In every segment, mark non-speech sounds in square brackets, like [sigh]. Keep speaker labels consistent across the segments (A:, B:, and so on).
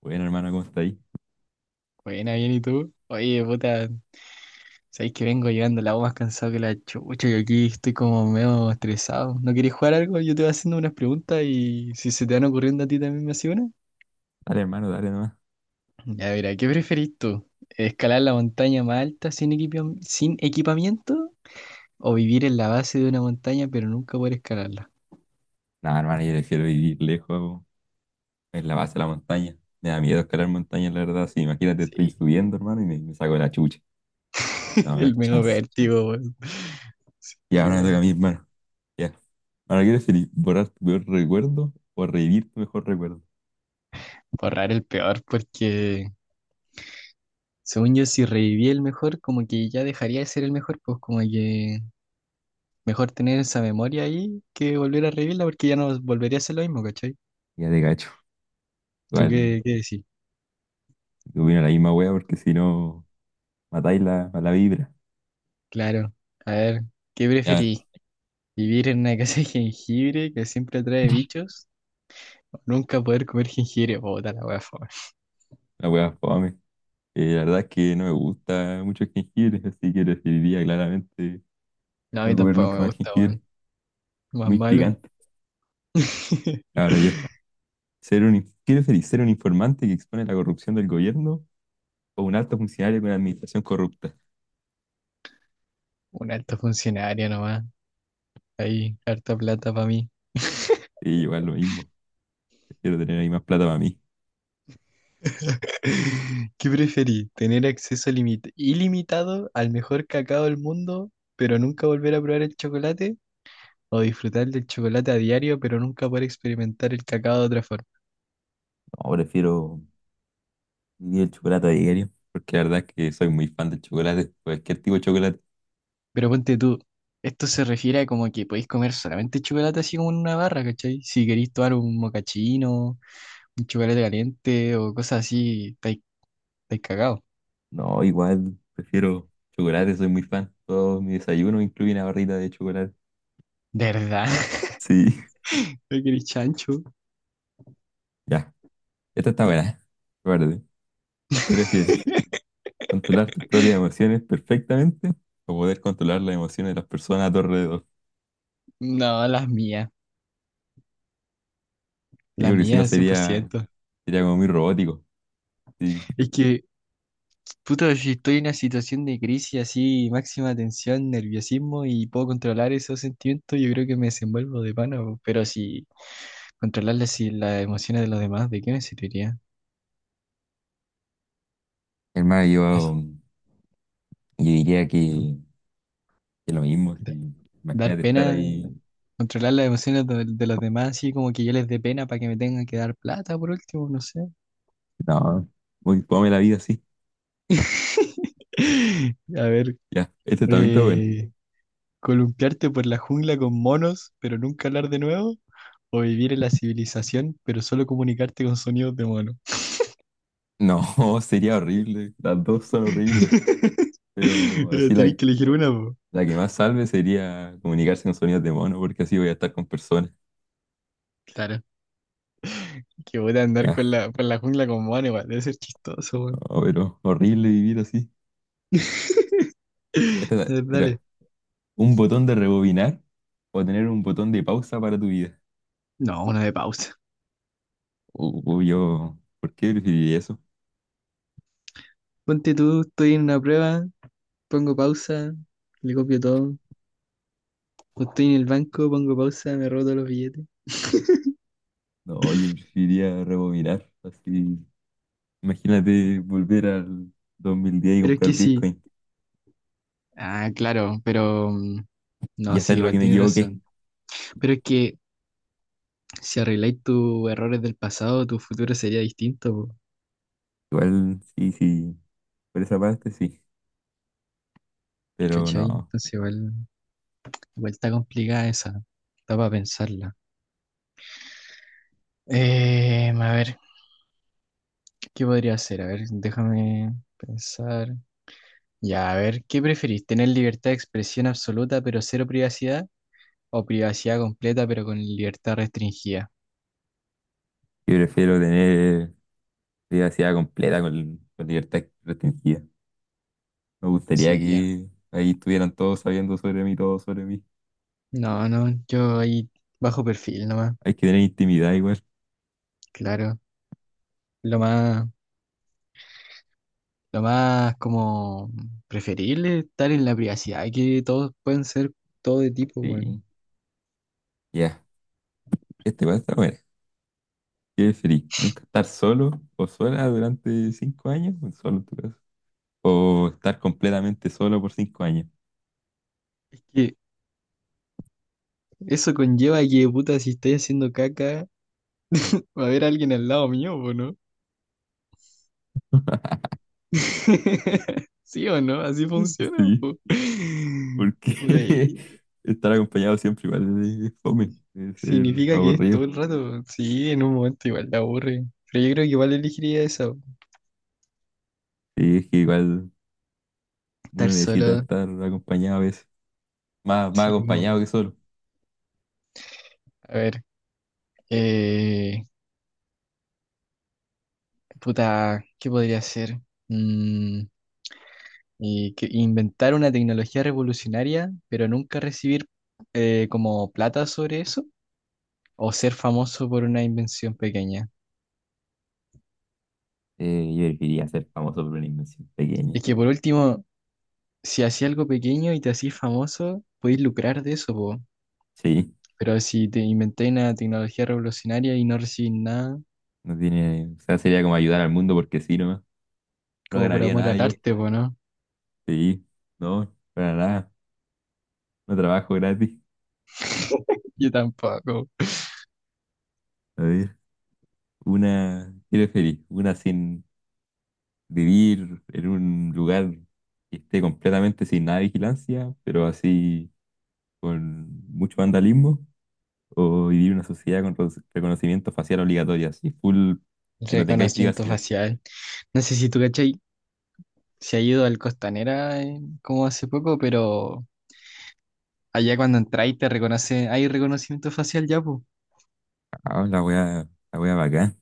A: Bueno, hermano, ¿cómo está ahí?
B: Buena, bien, ¿y tú? Oye, puta, sabéis que vengo llegando la voz más cansado que la chucha y aquí estoy como medio estresado. ¿No querés jugar algo? Yo te voy haciendo unas preguntas y si se te van ocurriendo a ti también me haces una.
A: Dale, hermano, dale nomás.
B: Ya, mira, ¿qué preferís tú? ¿Escalar la montaña más alta sin equipamiento? ¿O vivir en la base de una montaña pero nunca poder escalarla?
A: Nada, hermano, yo prefiero vivir lejos, po, en la base de la montaña. Me da miedo escalar montañas, la verdad. Sí, imagínate, estoy
B: Sí,
A: subiendo, hermano, y me saco la chucha.
B: [laughs]
A: No, no hay
B: el medio
A: chance.
B: vértigo, weón.
A: Y
B: Sí,
A: ahora me
B: bueno.
A: toca a mí, hermano. Ya. Ahora, ¿quieres preferís? ¿Borrar tu peor recuerdo o revivir tu mejor recuerdo?
B: Borrar el peor porque según yo si reviví el mejor como que ya dejaría de ser el mejor, pues como que mejor tener esa memoria ahí que volver a revivirla porque ya no volvería a ser lo mismo, ¿cachai?
A: Ya te cacho.
B: ¿Tú
A: Igual,
B: qué decís?
A: te opino la misma wea, porque si no, matáis la, a la vibra.
B: Claro. A ver, ¿qué
A: Ya,
B: preferís? ¿Vivir en una casa de jengibre que siempre atrae bichos? ¿O nunca poder comer jengibre? Puta la wea, fome.
A: la wea fome. La verdad es que no me gusta mucho el jengibre, así que preferiría claramente
B: No, a mí
A: no comer
B: tampoco
A: nunca
B: me
A: más
B: gusta, weón.
A: jengibre.
B: Más
A: Muy
B: malo.
A: picante.
B: [laughs]
A: Ahora yo, ser un, ¿qué preferís? ¿Ser un informante que expone la corrupción del gobierno o un alto funcionario con una administración corrupta?
B: Un alto funcionario nomás. Ahí, harta plata para mí.
A: Sí, igual lo mismo. Prefiero tener ahí más plata para mí.
B: [laughs] ¿Qué preferís? ¿Tener acceso ilimitado al mejor cacao del mundo, pero nunca volver a probar el chocolate? O disfrutar del chocolate a diario, pero nunca poder experimentar el cacao de otra forma.
A: No, prefiero vivir el chocolate a diario, porque la verdad es que soy muy fan del chocolate, cualquier tipo de chocolate.
B: Pero ponte tú, esto se refiere a como que podéis comer solamente chocolate así como en una barra, ¿cachai? Si queréis tomar un mocachino, un chocolate caliente o cosas así, estáis cagados.
A: No, igual. Prefiero chocolate, soy muy fan. Todo mi desayuno incluye una barrita de chocolate.
B: ¿De verdad? [laughs]
A: Sí. [laughs]
B: ¿No queréis chancho?
A: Ya. Esta está buena. Guarde. ¿Qué prefieres? ¿Controlar tus propias emociones perfectamente o poder controlar las emociones de las personas a tu alrededor?
B: No,
A: Sí,
B: las
A: porque si no
B: mías, cien por
A: sería,
B: ciento.
A: sería como muy robótico. Sí.
B: Es que, puta, si estoy en una situación de crisis así, máxima tensión, nerviosismo y puedo controlar esos sentimientos, yo creo que me desenvuelvo de pana, po. Pero si controlar las emociones de los demás, ¿de qué me serviría?
A: Hermano, yo,
B: Así,
A: yo diría que lo mismo.
B: da-
A: Sí.
B: dar
A: Imagínate estar
B: pena,
A: ahí.
B: controlar las emociones de los demás, así como que yo les dé pena para que me tengan que dar plata por último, no sé.
A: No, muy fome la vida así.
B: [laughs] A ver,
A: Ya, este también está bueno.
B: eh, columpiarte por la jungla con monos, pero nunca hablar de nuevo, o vivir en la civilización, pero solo comunicarte con sonidos de mono.
A: No, [laughs] sería horrible. Las dos son horribles.
B: [laughs]
A: Pero así
B: Tenés
A: la,
B: que elegir una, po.
A: la que más salve sería comunicarse con sonidos de mono, porque así voy a estar con personas.
B: Claro. Que voy a andar
A: Ya,
B: por la jungla con mono, igual, debe ser chistoso, weón.
A: no, pero horrible vivir así.
B: [laughs]
A: Esta,
B: A ver, dale.
A: mira, un botón de rebobinar o tener un botón de pausa para tu vida.
B: No, una de pausa.
A: Yo, ¿por qué preferiría eso?
B: Ponte tú, estoy en una prueba, pongo pausa, le copio todo. O estoy en el banco, pongo pausa, me robo todos los billetes.
A: No, yo preferiría rebobinar. Así, imagínate volver al 2010 y
B: Pero es que
A: comprar
B: sí.
A: Bitcoin
B: Ah, claro, pero
A: y
B: no, sí,
A: hacer lo
B: igual
A: que me
B: tienes
A: equivoqué.
B: razón. Pero es que si arregláis tus errores del pasado, tu futuro sería distinto, po,
A: Igual, sí, sí, por esa parte sí. Pero
B: ¿cachai?
A: no,
B: Entonces igual, igual está complicada esa. Está para pensarla. A ver, ¿qué podría hacer? A ver, déjame pensar. Ya, a ver, ¿qué preferís? ¿Tener libertad de expresión absoluta pero cero privacidad? ¿O privacidad completa pero con libertad restringida?
A: yo prefiero tener privacidad completa con libertad restringida. Me gustaría
B: Sí, ya.
A: que ahí estuvieran todos sabiendo sobre mí, todo sobre mí.
B: No, no, yo ahí bajo perfil nomás,
A: Hay que tener intimidad igual.
B: claro. Lo más, lo más como preferible es estar en la privacidad, que todos pueden ser todo de tipo, bueno.
A: Sí, ya. Este va a estar bueno. ¿Qué preferís? ¿Nunca estar solo o sola durante 5 años? Solo en tu caso. O estar completamente solo por 5 años.
B: Es que eso conlleva que, puta, si estoy haciendo caca, va a haber alguien al lado mío, po, ¿no? [laughs] ¿Sí o no? Así
A: Mm.
B: funciona,
A: Sí,
B: po.
A: porque
B: Puta, y-
A: [laughs] estar acompañado siempre igual es fome, es
B: Significa que es todo
A: aburrido.
B: el rato. Sí, en un momento igual te aburre. Pero yo creo que igual elegiría esa.
A: Sí, es que igual
B: Estar
A: uno necesita
B: solo.
A: estar acompañado a veces, más
B: Sí, po.
A: acompañado que solo.
B: A ver, eh, puta, ¿qué podría hacer? Mm, y que inventar una tecnología revolucionaria, pero nunca recibir, como, plata sobre eso. O ser famoso por una invención pequeña.
A: Yo elegiría ser famoso por una invención pequeña.
B: Es que por último, si hacía algo pequeño y te hacís famoso, podéis lucrar de eso, po.
A: Sí,
B: Pero si te inventáis una tecnología revolucionaria y no recibís nada.
A: no tiene, o sea, sería como ayudar al mundo porque sí, nomás. No
B: Como por
A: ganaría
B: amor
A: nada
B: al
A: yo.
B: arte, po, ¿no?
A: Sí, no, para nada. No trabajo gratis.
B: [laughs] Yo tampoco.
A: A ver, una, ¿quiero feliz? Una sin vivir en un lugar que esté completamente sin nada de vigilancia, pero así con mucho vandalismo, o vivir en una sociedad con reconocimiento facial obligatorio, así full, que no tengáis
B: Reconocimiento
A: privacidad.
B: facial. No sé si tú, ¿cachai? Se ha ido al Costanera, como hace poco, pero allá cuando entráis te reconoce, hay reconocimiento facial ya, pues.
A: Ah, la wea bacán.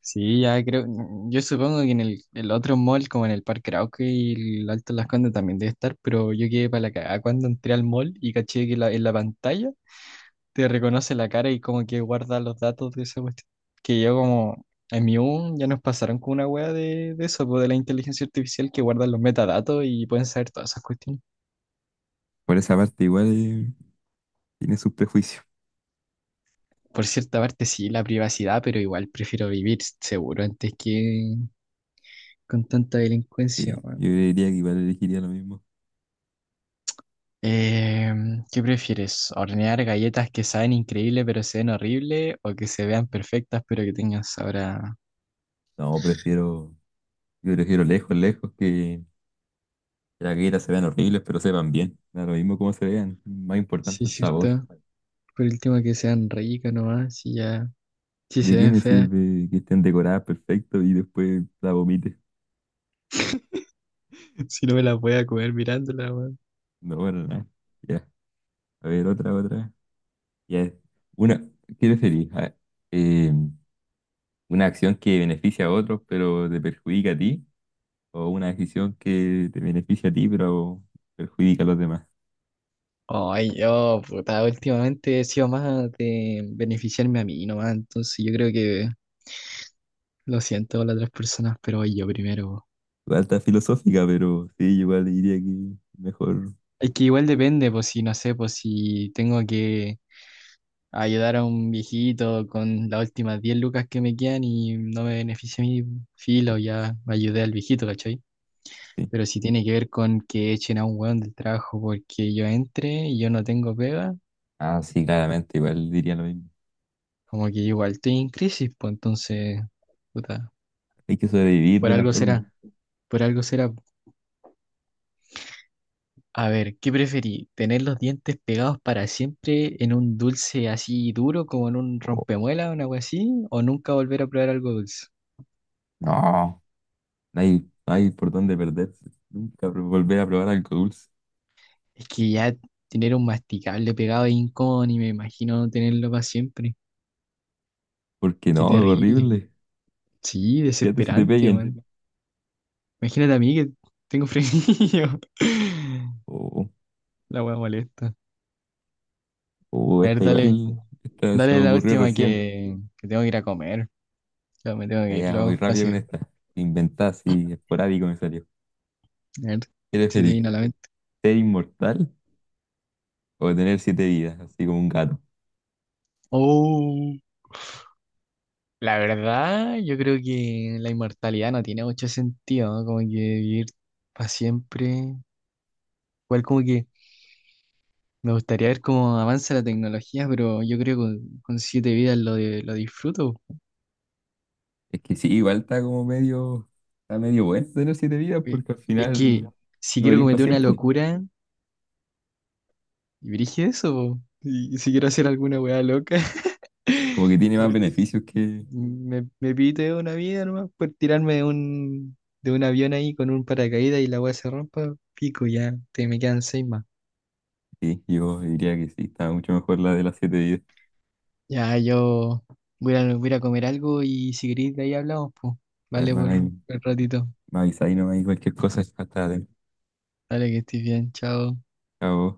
B: Sí, ya creo, yo supongo que en el otro mall, como en el Parque Arauco y el Alto Las Condes también debe estar, pero yo quedé para la cagada cuando entré al mall y caché que en la pantalla te reconoce la cara y como que guarda los datos de esa cuestión. Que yo como en mi U ya nos pasaron con una wea de eso, pues, de la inteligencia artificial que guardan los metadatos y pueden saber todas esas cuestiones.
A: Por esa parte igual tiene sus prejuicios.
B: Por cierta parte sí, la privacidad, pero igual prefiero vivir seguro antes que con tanta delincuencia,
A: Sí, yo
B: weón.
A: diría que igual elegiría lo mismo.
B: Eh, ¿Qué prefieres? ¿Hornear galletas que saben increíble pero se ven horrible o que se vean perfectas pero que tengan sabor a...?
A: No, prefiero, yo prefiero lejos, lejos que las galletas se vean horribles, pero sepan bien. Da lo mismo como se vean, más importante
B: Sí,
A: el sabor.
B: cierto. Por último que sean ricas nomás y ya. Si
A: ¿De
B: se
A: qué
B: ven
A: me
B: feas,
A: sirve que estén decoradas perfecto y después la vomites?
B: [laughs] si no me la voy a comer mirándola, weón.
A: No, para nada. Ya, a ver, otra, otra. Ya, una, ¿qué preferís? Eh, ¿Una acción que beneficia a otros pero te perjudica a ti? ¿O una decisión que te beneficia a ti pero perjudica a los demás?
B: Ay, yo, puta, últimamente he sido más de beneficiarme a mí nomás, entonces yo creo que lo siento a las otras personas, pero voy yo primero, po.
A: Igual está filosófica, pero sí, igual diría que mejor,
B: Es que igual depende, pues si no sé, pues si tengo que ayudar a un viejito con las últimas 10 lucas que me quedan y no me beneficia mi filo, ya ayudé al viejito, ¿cachai?
A: sí.
B: Pero si tiene que ver con que echen a un weón del trabajo porque yo entre y yo no tengo pega.
A: Ah, sí, claramente, igual diría lo mismo.
B: Como que yo igual estoy en crisis, pues entonces, puta,
A: Hay que sobrevivir de
B: por
A: una
B: algo será,
A: forma.
B: por algo será. A ver, ¿qué preferí? ¿Tener los dientes pegados para siempre en un dulce así duro, como en un
A: Oh,
B: rompemuela o algo así? ¿O nunca volver a probar algo dulce?
A: no. No hay, no hay por dónde perderse. Nunca volver a probar algo dulce.
B: Es que ya tener un masticable pegado es incómodo y me imagino no tenerlo para siempre.
A: Porque
B: Qué
A: no, es
B: terrible. Mm.
A: horrible.
B: Sí,
A: Fíjate si te
B: desesperante,
A: peguen.
B: weón. Imagínate a mí que tengo frenillo. [laughs]
A: O
B: La weá molesta. A ver,
A: esta
B: dale.
A: igual, esta se
B: Dale
A: me
B: la
A: ocurrió
B: última
A: recién.
B: que tengo que ir a comer. Ya me tengo
A: Ya,
B: que ir
A: ya, voy
B: luego.
A: rápido
B: Así
A: con
B: que,
A: esta. Inventada así, esporádico me salió.
B: a ver,
A: ¿Eres
B: se te
A: feliz?
B: viene a la mente.
A: ¿Ser inmortal o tener 7 vidas? Así como un gato.
B: Oh, la verdad, yo creo que la inmortalidad no tiene mucho sentido, ¿no? Como que vivir para siempre. Igual como que me gustaría ver cómo avanza la tecnología, pero yo creo que con siete vidas lo disfruto.
A: Es que sí, igual está como medio, está medio bueno tener 7 vidas
B: Y-
A: porque al
B: Es que
A: final
B: si
A: no
B: quiero
A: vivir para
B: cometer una
A: siempre.
B: locura, y dirige eso, po. Y si quiero hacer alguna weá loca.
A: Como
B: [laughs]
A: que tiene
B: me
A: más beneficios que...
B: me pité una vida nomás por tirarme de un avión ahí con un paracaídas y la weá se rompa, pico ya, te me quedan seis más.
A: Sí, yo diría que sí, está mucho mejor la de las 7 vidas.
B: Ya yo voy a ir a comer algo y si queréis de ahí hablamos, pues.
A: Ya,
B: Vale
A: hermano,
B: por
A: ahí
B: un ratito.
A: me avisa ahí nomás y cualquier cosa, hasta
B: Dale que estés bien, chao.
A: luego.